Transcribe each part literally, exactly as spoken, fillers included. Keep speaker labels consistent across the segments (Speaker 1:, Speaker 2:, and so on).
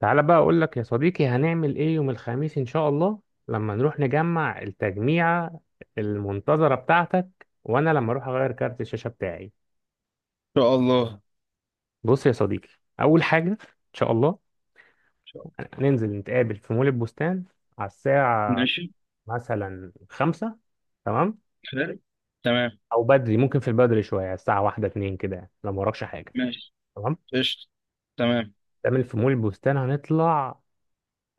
Speaker 1: تعالى بقى اقول لك يا صديقي، هنعمل ايه يوم الخميس ان شاء الله؟ لما نروح نجمع التجميعة المنتظرة بتاعتك، وانا لما اروح اغير كارت الشاشة بتاعي.
Speaker 2: شاء الله إن
Speaker 1: بص يا صديقي، اول حاجة ان شاء الله
Speaker 2: شاء الله.
Speaker 1: هننزل نتقابل في مول البستان، على الساعة
Speaker 2: ماشي.
Speaker 1: مثلا خمسة، تمام؟
Speaker 2: حلو. تمام.
Speaker 1: او بدري، ممكن في البدري شوية، الساعة واحدة اتنين كده يعني، لو ما وراكش حاجة.
Speaker 2: ماشي.
Speaker 1: تمام.
Speaker 2: قشطة. تمام.
Speaker 1: نعمل في مول البستان، هنطلع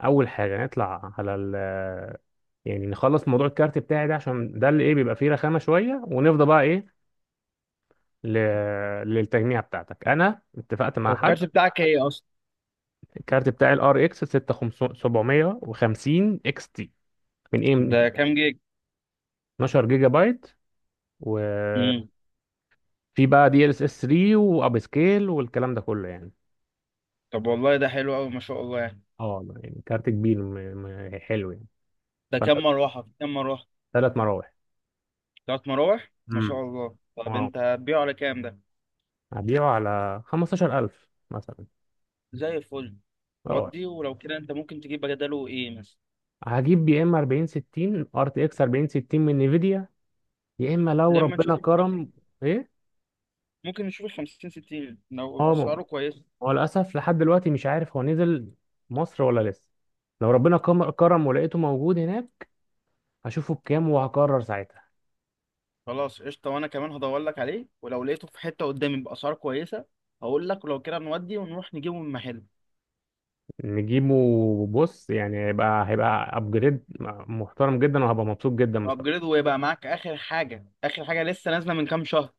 Speaker 1: اول حاجه نطلع على ال يعني نخلص موضوع الكارت بتاعي ده، عشان ده اللي ايه، بيبقى فيه رخامه شويه ونفضى بقى ايه ل... للتجميع بتاعتك. انا اتفقت مع
Speaker 2: هو
Speaker 1: مم. حد.
Speaker 2: الكارت بتاعك ايه اصلا؟
Speaker 1: الكارت بتاعي الار اكس ستة آلاف وسبعمية وخمسين اكس تي من اي ام دي.
Speaker 2: ده كام جيج؟
Speaker 1: اتناشر جيجا بايت، وفي
Speaker 2: امم.
Speaker 1: بقى دي ال اس اس تلاتة واب سكيل والكلام ده كله يعني.
Speaker 2: طب والله ده حلو قوي ما شاء الله يعني.
Speaker 1: اه يعني كارت كبير، م... م... حلو يعني.
Speaker 2: ده
Speaker 1: فانت
Speaker 2: كام مروحة كام مروحة؟
Speaker 1: ثلاث مراوح.
Speaker 2: تلات مراوح ما
Speaker 1: امم
Speaker 2: شاء الله. طب
Speaker 1: اه
Speaker 2: انت هتبيعه على كام ده؟
Speaker 1: هبيعه على خمسة عشر ألف مثلا.
Speaker 2: زي الفل.
Speaker 1: اه
Speaker 2: ودي ولو كده انت ممكن تجيب بداله ايه مثلا؟
Speaker 1: هجيب يا اما أربعين ستين، ار تي اكس أربعين ستين من نيفيديا، يا اما لو
Speaker 2: لما
Speaker 1: ربنا
Speaker 2: نشوف ال 50
Speaker 1: كرم. ايه.
Speaker 2: ممكن نشوف ال خمسين ستين لو
Speaker 1: اه، ما
Speaker 2: اسعاره كويسة.
Speaker 1: هو للاسف لحد دلوقتي مش عارف هو نزل مصر ولا لسه. لو ربنا كم- كرم ولقيته موجود هناك، هشوفه بكام وهقرر ساعتها.
Speaker 2: خلاص قشطة، وأنا كمان هدور لك عليه ولو لقيته في حتة قدامي بأسعار كويسة هقول لك، ولو كده نودي ونروح نجيبه من محل.
Speaker 1: نجيبه. بص، يعني هيبقى هيبقى ابجريد محترم جدا، وهبقى مبسوط جدا
Speaker 2: يبقى
Speaker 1: مستقبلا.
Speaker 2: أبجريد ويبقى معاك آخر حاجة، آخر حاجة لسه نازلة من كام شهر.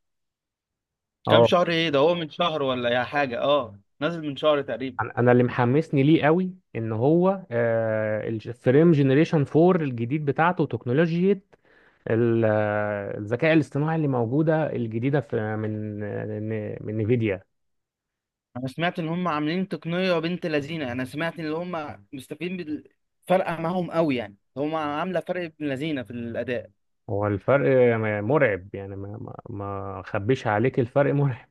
Speaker 2: كام
Speaker 1: اه.
Speaker 2: شهر إيه ده؟ هو من شهر ولا يا حاجة؟ أه نازل من شهر تقريبا.
Speaker 1: انا أنا اللي محمسني ليه قوي ان هو آه الفريم جنريشن أربعة الجديد، بتاعته تكنولوجيا ال- الذكاء الاصطناعي اللي موجودة الجديدة في من من نفيديا.
Speaker 2: أنا سمعت إن هم عاملين تقنية بنت لذينة، أنا سمعت إن هم مستفيدين بال- فارقة معاهم قوي، يعني هم عاملة فرق ابن لذينة في الأداء.
Speaker 1: هو الفرق مرعب، يعني ما ما ما اخبيش عليك، الفرق مرعب.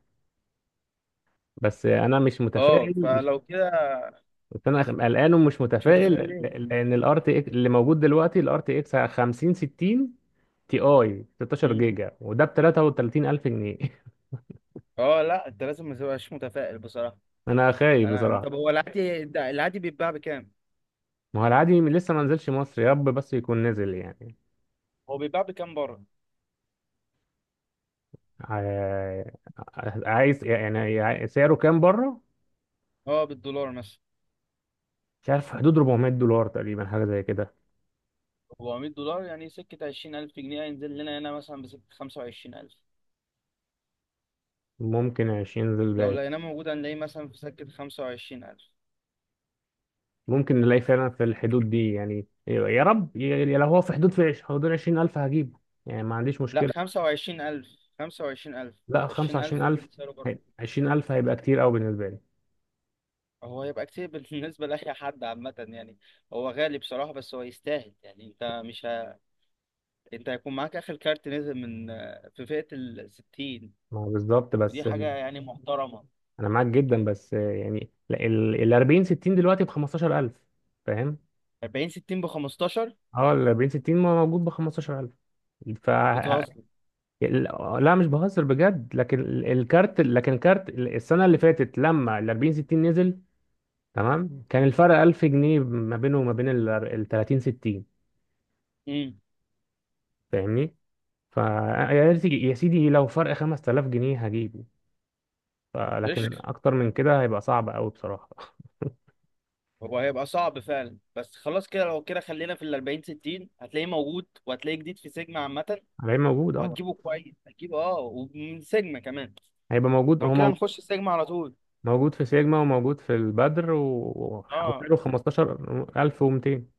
Speaker 1: بس انا مش
Speaker 2: أه
Speaker 1: متفائل، مش
Speaker 2: فلو كده
Speaker 1: بس انا قلقان ومش
Speaker 2: مش
Speaker 1: متفائل.
Speaker 2: متفائل
Speaker 1: ل-
Speaker 2: ليه؟
Speaker 1: لان الار تي اكس اللي موجود دلوقتي، الار تي اكس خمسين ستين تي اي ستة عشر
Speaker 2: مم.
Speaker 1: جيجا، وده ب تلاتة وتلاتين ألف جنيه
Speaker 2: أه لا أنت لازم ما تبقاش متفائل بصراحة.
Speaker 1: انا خايف
Speaker 2: انا طب
Speaker 1: بصراحة.
Speaker 2: هو العادي ده العادي بيتباع بكام؟
Speaker 1: ما هو العادي لسه ما نزلش مصر، يا رب بس يكون نزل يعني.
Speaker 2: هو بيتباع بكام بره؟
Speaker 1: ع- عايز يعني سعره كام بره.
Speaker 2: اه بالدولار مثلا.
Speaker 1: مش عارف، في حدود أربعمية دولار تقريبا، حاجة زي كده.
Speaker 2: أربعمية دولار يعني سكة عشرين ألف جنيه، هينزل لنا هنا مثلا بسكة خمسة وعشرين ألف.
Speaker 1: ممكن عشرين ذو
Speaker 2: لو
Speaker 1: العشر.
Speaker 2: لقيناه موجود هنلاقيه مثلا في سكة خمسة وعشرين ألف.
Speaker 1: ممكن نلاقي فعلا في الحدود دي يعني، يا رب، يا- يا لو هو في حدود، في عش- حدود عشرين ألف هجيبه، يعني ما عنديش
Speaker 2: لا
Speaker 1: مشكلة.
Speaker 2: خمسة وعشرين ألف. خمسة وعشرين ألف.
Speaker 1: لا
Speaker 2: عشرين ألف ده
Speaker 1: خمسة وعشرين ألف.
Speaker 2: اللي سعره بره.
Speaker 1: هي- عشرين ألف هيبقى كتير قوي بالنسبة لي.
Speaker 2: هو هيبقى كتير بالنسبة لأي حد عامة يعني. هو غالي بصراحة بس هو يستاهل، يعني أنت مش ه... أنت هيكون معاك آخر كارت نزل من في فئة الستين.
Speaker 1: ما هو بالظبط،
Speaker 2: ودي
Speaker 1: بس
Speaker 2: حاجة
Speaker 1: ال...
Speaker 2: يعني محترمة.
Speaker 1: أنا معاك جدا، بس يعني ال ال أربعين ستين دلوقتي ب خمستاشر ألف، فاهم؟
Speaker 2: أربعين ستين بخمستاشر؟
Speaker 1: اه ال أربعين ستين موجود ب خمسة عشر ألف فأقل.
Speaker 2: بتهزر.
Speaker 1: ال- لا مش بهزر بجد، لكن ال- الكارت لكن الكارت ال- السنه اللي فاتت لما ال أربعين ستين نزل، تمام، كان الفرق ألف جنيه ما بينه وما بين ال ال تلاتين ستين.
Speaker 2: امم.
Speaker 1: فاهمني؟ فا يا سيدي، يا سيدي لو فرق خمس تلاف جنيه هجيبه، ف- لكن
Speaker 2: قشطة.
Speaker 1: اكتر من كده هيبقى صعب قوي بصراحه
Speaker 2: هو هيبقى صعب فعلا، بس خلاص كده لو كده خلينا في ال أربعين ستين، هتلاقيه موجود وهتلاقيه جديد في سيجما عامة.
Speaker 1: هيبقى موجود اه.
Speaker 2: وهتجيبه كويس، هتجيبه اه، ومن سيجما كمان.
Speaker 1: هيبقى موجود
Speaker 2: لو
Speaker 1: هو
Speaker 2: كده
Speaker 1: مو-
Speaker 2: نخش سيجما على طول.
Speaker 1: موجود في سيجما، وموجود في البدر و-
Speaker 2: اه.
Speaker 1: وسعره خمستاشر ألف ومتين.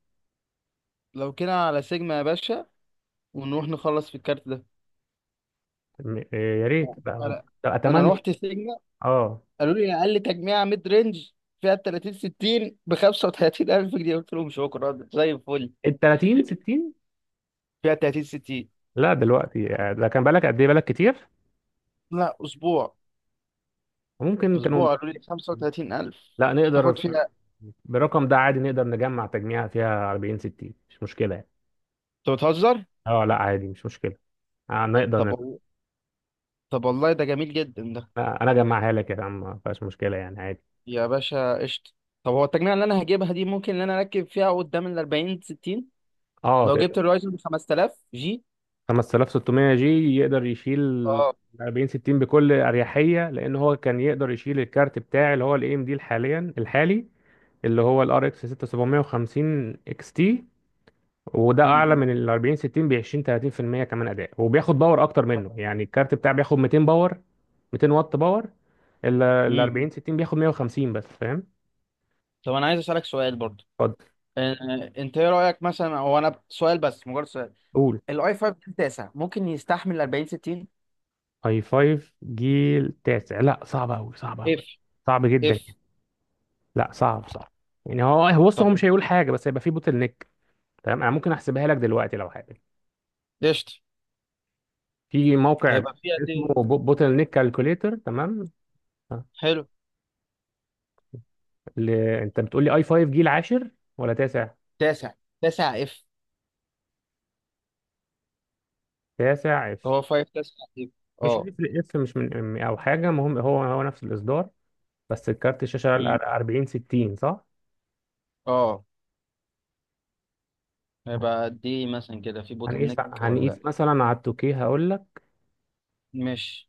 Speaker 2: لو كده على سيجما يا باشا ونروح نخلص في الكارت ده.
Speaker 1: م- يا ريت بقى هو-
Speaker 2: انا انا
Speaker 1: اتمنى.
Speaker 2: رحت سيجما،
Speaker 1: اه
Speaker 2: قالوا لي اقل تجميعة ميد رينج فيها تلاتين ستين ب خمسة وتلاتين ألف جنيه، قلت لهم شكرا زي الفل.
Speaker 1: ال تلاتين ستين.
Speaker 2: فيها تلاتين ستين.
Speaker 1: لا دلوقتي آه، ده كان بالك قد ايه، بالك كتير.
Speaker 2: لا اسبوع.
Speaker 1: ممكن كانوا.
Speaker 2: اسبوع قالوا لي خمسة وتلاتين ألف
Speaker 1: لا نقدر،
Speaker 2: تاخد
Speaker 1: ف-
Speaker 2: فيها.
Speaker 1: بالرقم ده عادي نقدر نجمع تجميعة فيها أربعين ستين، مش مشكلة يعني.
Speaker 2: انت بتهزر.
Speaker 1: اه لا عادي، مش مشكلة. آه نقدر
Speaker 2: طب
Speaker 1: نجمع.
Speaker 2: وال- طب والله ده جميل جدا ده.
Speaker 1: انا اجمعها لك يا عم، ما فيهاش مشكلة يعني عادي.
Speaker 2: يا باشا قشطه. طب هو التجميع اللي انا هجيبها دي ممكن ان انا اركب فيها قدام ال أربعين ستين
Speaker 1: اه
Speaker 2: لو
Speaker 1: تقدر.
Speaker 2: جبت الرايزن ب خمسة آلاف جي؟
Speaker 1: خمسة آلاف وستمية جي يقدر يشيل
Speaker 2: اه.
Speaker 1: أربعين ستين بكل اريحية، لان هو كان يقدر يشيل الكارت بتاعي اللي هو الاي ام دي حاليا الحالي، اللي هو الار اكس ستة سبعة خمسة صفر اكس تي، وده
Speaker 2: مم.
Speaker 1: اعلى من ال أربعين ستين ب عشرين تلاتين بالمية كمان اداء، وبياخد باور اكتر منه. يعني الكارت بتاعي بياخد مئتين باور، متين واط باور. ال ال
Speaker 2: مم.
Speaker 1: أربعين ستين بياخد مية وخمسين بس، فاهم؟
Speaker 2: طب انا عايز اسالك سؤال برضو.
Speaker 1: اتفضل.
Speaker 2: آه، انت ايه رايك مثلا، هو انا سؤال بس مجرد سؤال،
Speaker 1: قول.
Speaker 2: الاي خمسة تاسع ممكن يستحمل أربعين ستين؟
Speaker 1: اي خمسة جيل تاسع؟ لا، صعب قوي، صعب
Speaker 2: اف.
Speaker 1: قوي، صعب جدا.
Speaker 2: اف.
Speaker 1: لا صعب، صعب. يعني هو هو بص، هو
Speaker 2: طب
Speaker 1: مش هيقول حاجه، بس هيبقى في بوتل نيك. تمام. انا ممكن احسبها لك دلوقتي لو حابب.
Speaker 2: قشطه
Speaker 1: في موقع
Speaker 2: هيبقى فيها
Speaker 1: اسمه
Speaker 2: دي.
Speaker 1: بوتل نيك كالكوليتر، تمام.
Speaker 2: حلو.
Speaker 1: ل... انت بتقول لي اي خمسة جيل عاشر ولا تاسع؟
Speaker 2: تاسع. تاسع اف.
Speaker 1: تاسع.
Speaker 2: هو خمسة تسعة تقريبا.
Speaker 1: مش
Speaker 2: اه.
Speaker 1: هيفرق، اس مش من ام او حاجه، المهم هو هو نفس الاصدار. بس الكارت الشاشه ال
Speaker 2: امم.
Speaker 1: أربعين ستين صح؟
Speaker 2: اه. هيبقى قد ايه مثلا كده في بوتل
Speaker 1: هنقيس
Speaker 2: نيك ولا لأ؟
Speaker 1: هنقيس مثلا على التوكيه، هقول لك.
Speaker 2: مش،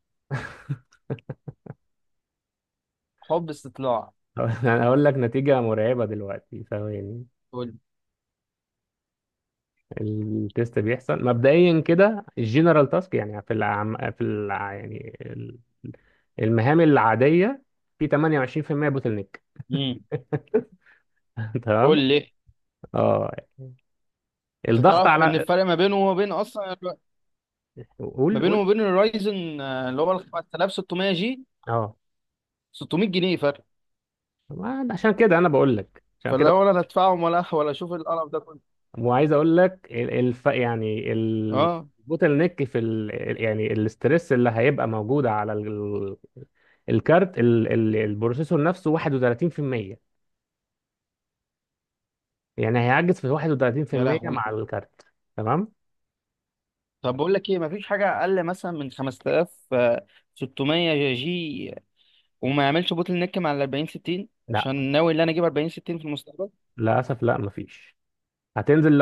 Speaker 2: حب استطلاع.
Speaker 1: هقول لك نتيجه مرعبه دلوقتي، ثواني.
Speaker 2: قول.
Speaker 1: التيست بيحصل مبدئيا كده، الجنرال تاسك، يعني في العم... في الع... يعني ال- المهام العاديه، في تمنية وعشرين بالمية بوتل نيك.
Speaker 2: امم. قول
Speaker 1: تمام.
Speaker 2: لي.
Speaker 1: اه
Speaker 2: انت
Speaker 1: الضغط
Speaker 2: تعرف ان
Speaker 1: على.
Speaker 2: الفرق ما بينه وما بين اصلا الر- ما
Speaker 1: قول،
Speaker 2: بينه
Speaker 1: قول.
Speaker 2: وما بين الرايزن آه، اللي هو ال خمسة آلاف وستمية جي،
Speaker 1: اه،
Speaker 2: ستمية جنيه فرق.
Speaker 1: ما- عشان كده انا بقول لك، عشان كده.
Speaker 2: فلا ولا انا ادفعهم ولا ولا اشوف القرف ده كله.
Speaker 1: وعايز اقول لك ال- الف يعني ال-
Speaker 2: اه.
Speaker 1: البوتل نيك في ال... ال- يعني الاسترس اللي هيبقى موجود على ال... الكارت، ال... ال... البروسيسور نفسه واحد وتلاتين بالمية، يعني هيعجز في
Speaker 2: يا
Speaker 1: واحد وتلاتين بالمية
Speaker 2: لهوي.
Speaker 1: مع الكارت. تمام.
Speaker 2: طب بقول لك ايه، مفيش حاجه اقل مثلا من خمسة آلاف وستمية جي وما يعملش بوتل نيك مع ال أربعين ستين،
Speaker 1: لا،
Speaker 2: عشان ناوي ان انا اجيب أربعين ستين في المستقبل.
Speaker 1: للاسف لا، مفيش. هتنزل ل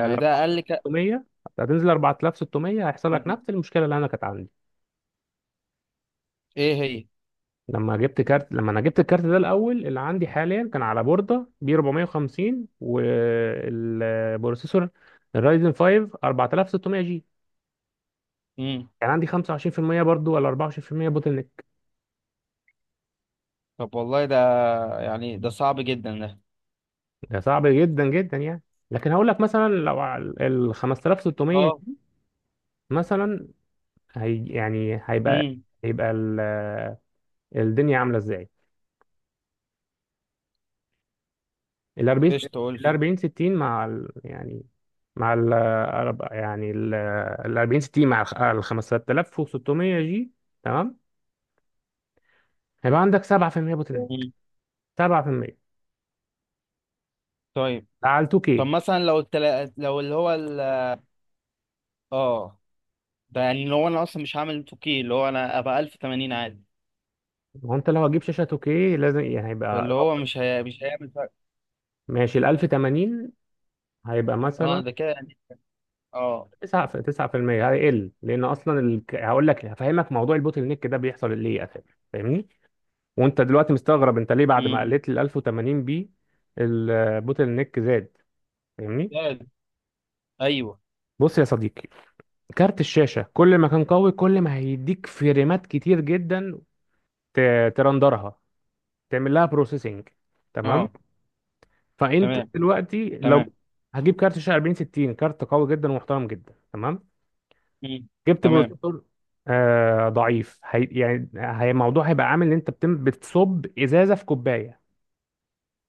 Speaker 2: يعني ده اقل ك...
Speaker 1: هتنزل ل أربعة وستمية هيحصل لك نفس المشكله اللي انا كانت عندي.
Speaker 2: ايه هي؟
Speaker 1: لما جبت كارت لما انا جبت الكارت ده الاول اللي عندي حاليا، كان على بورده بي أربعمية وخمسين، والبروسيسور الرايزن خمسة أربعة آلاف وستمية جي،
Speaker 2: امم.
Speaker 1: كان عندي خمسة وعشرين بالمية برضو، ولا أربعة وعشرين بالمية بوتل نيك.
Speaker 2: طب والله ده، يعني ده صعب جدا ده.
Speaker 1: ده صعب جدا جدا يعني. لكن هقول لك، مثلا لو على ال خمسة وستمية
Speaker 2: اه.
Speaker 1: جي مثلا، هي يعني هيبقى
Speaker 2: امم.
Speaker 1: هيبقى ال- الدنيا عامله ازاي. ال أربعين
Speaker 2: ايش تقول؟
Speaker 1: ال أربعين ستين مع ال... يعني مع ال أرب- يعني ال ال أربعين ستين مع الخ- ال خمسة وستمية جي، تمام، هيبقى عندك سبعة بالمئة بوتنات،
Speaker 2: امم.
Speaker 1: سبعة بالمئة.
Speaker 2: طيب.
Speaker 1: ده على
Speaker 2: طب
Speaker 1: تو كيه.
Speaker 2: مثلا لو التلا... لو اللي هو ال... اه. ده يعني لو انا اصلا مش هعمل اتنين كيه، اللي هو انا ابقى ألف وتمانين عادي،
Speaker 1: ما هو انت لو هتجيب شاشه تو كيه لازم، يعني هيبقى
Speaker 2: فاللي هو
Speaker 1: الأفضل.
Speaker 2: مش هي... مش هيعمل فرق.
Speaker 1: ماشي، ال ألف وتمانين هيبقى
Speaker 2: اه
Speaker 1: مثلا
Speaker 2: ده كده يعني. اه.
Speaker 1: تسعة في- تسعة بالمية هيقل، لان اصلا ال... هقول لك هفهمك موضوع البوتل نيك ده بيحصل ليه اساسا، فاهمني؟ وانت دلوقتي مستغرب انت ليه بعد ما
Speaker 2: امم.
Speaker 1: قلت ال ألف وتمانين بي البوتل نيك زاد، فاهمني؟
Speaker 2: ده- ايوه.
Speaker 1: بص يا صديقي، كارت الشاشة كل ما كان قوي، كل ما هيديك فريمات كتير جدا، ت- ترندرها، تعمل لها بروسيسنج، تمام.
Speaker 2: اه.
Speaker 1: فانت
Speaker 2: تمام.
Speaker 1: دلوقتي لو
Speaker 2: تمام.
Speaker 1: هجيب كارت شاشة أربعين ستين، كارت قوي جدا ومحترم جدا، تمام،
Speaker 2: امم.
Speaker 1: جبت
Speaker 2: تمام.
Speaker 1: بروسيسور آه ضعيف، هي يعني هي الموضوع هيبقى عامل ان انت بتم بتصب ازازة في كوباية،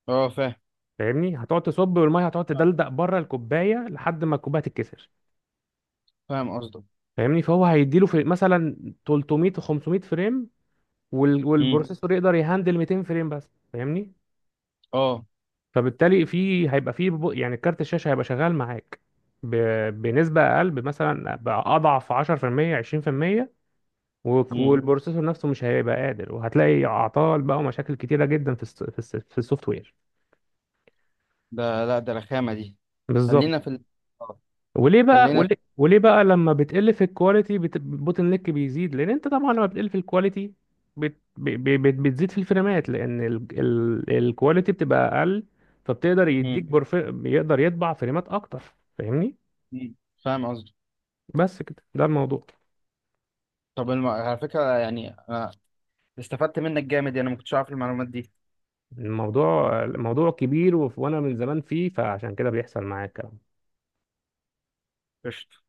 Speaker 2: اه. فاهم.
Speaker 1: فاهمني؟ هتقعد تصب، والميه هتقعد
Speaker 2: فاهم.
Speaker 1: تدلدق بره الكوباية لحد ما الكوباية تتكسر.
Speaker 2: فاهم قصدك.
Speaker 1: فاهمني؟ فهو هيديله في مثلا تلتمية و خمسمئة فريم، وال- مم.
Speaker 2: امم.
Speaker 1: والبروسيسور يقدر يهندل مئتين فريم بس، فاهمني؟
Speaker 2: اه.
Speaker 1: فبالتالي في هيبقى في ب- يعني كارت الشاشه هيبقى شغال معاك ب- بنسبه اقل، مثلا اضعف عشرة بالمية عشرين بالمئة، وك- مم.
Speaker 2: امم.
Speaker 1: والبروسيسور نفسه مش هيبقى قادر، وهتلاقي اعطال بقى ومشاكل كتيره جدا في الس- في الس- في السوفت وير.
Speaker 2: ده، لا ده رخامه دي. خلينا
Speaker 1: بالظبط.
Speaker 2: في ال... آه.
Speaker 1: وليه بقى،
Speaker 2: خلينا في...
Speaker 1: وليه, وليه بقى لما بتقل في الكواليتي بت... البوتن نيك بيزيد؟ لان انت طبعا لما بتقل في الكواليتي بت... ب... ب... بت... بتزيد في الفريمات، لان ال... ال... الكواليتي بتبقى اقل، فبتقدر يديك
Speaker 2: مم.
Speaker 1: برف... بيقدر يطبع فريمات اكتر، فاهمني؟
Speaker 2: مم. فاهم قصدي.
Speaker 1: بس كده ده الموضوع.
Speaker 2: طب الم... على فكرة يعني، أنا استفدت منك جامد يعني، ما كنتش عارف المعلومات دي.
Speaker 1: الموضوع الموضوع كبير، وف- وانا من زمان فيه، فعشان كده بيحصل معايا الكلام.
Speaker 2: قشطة.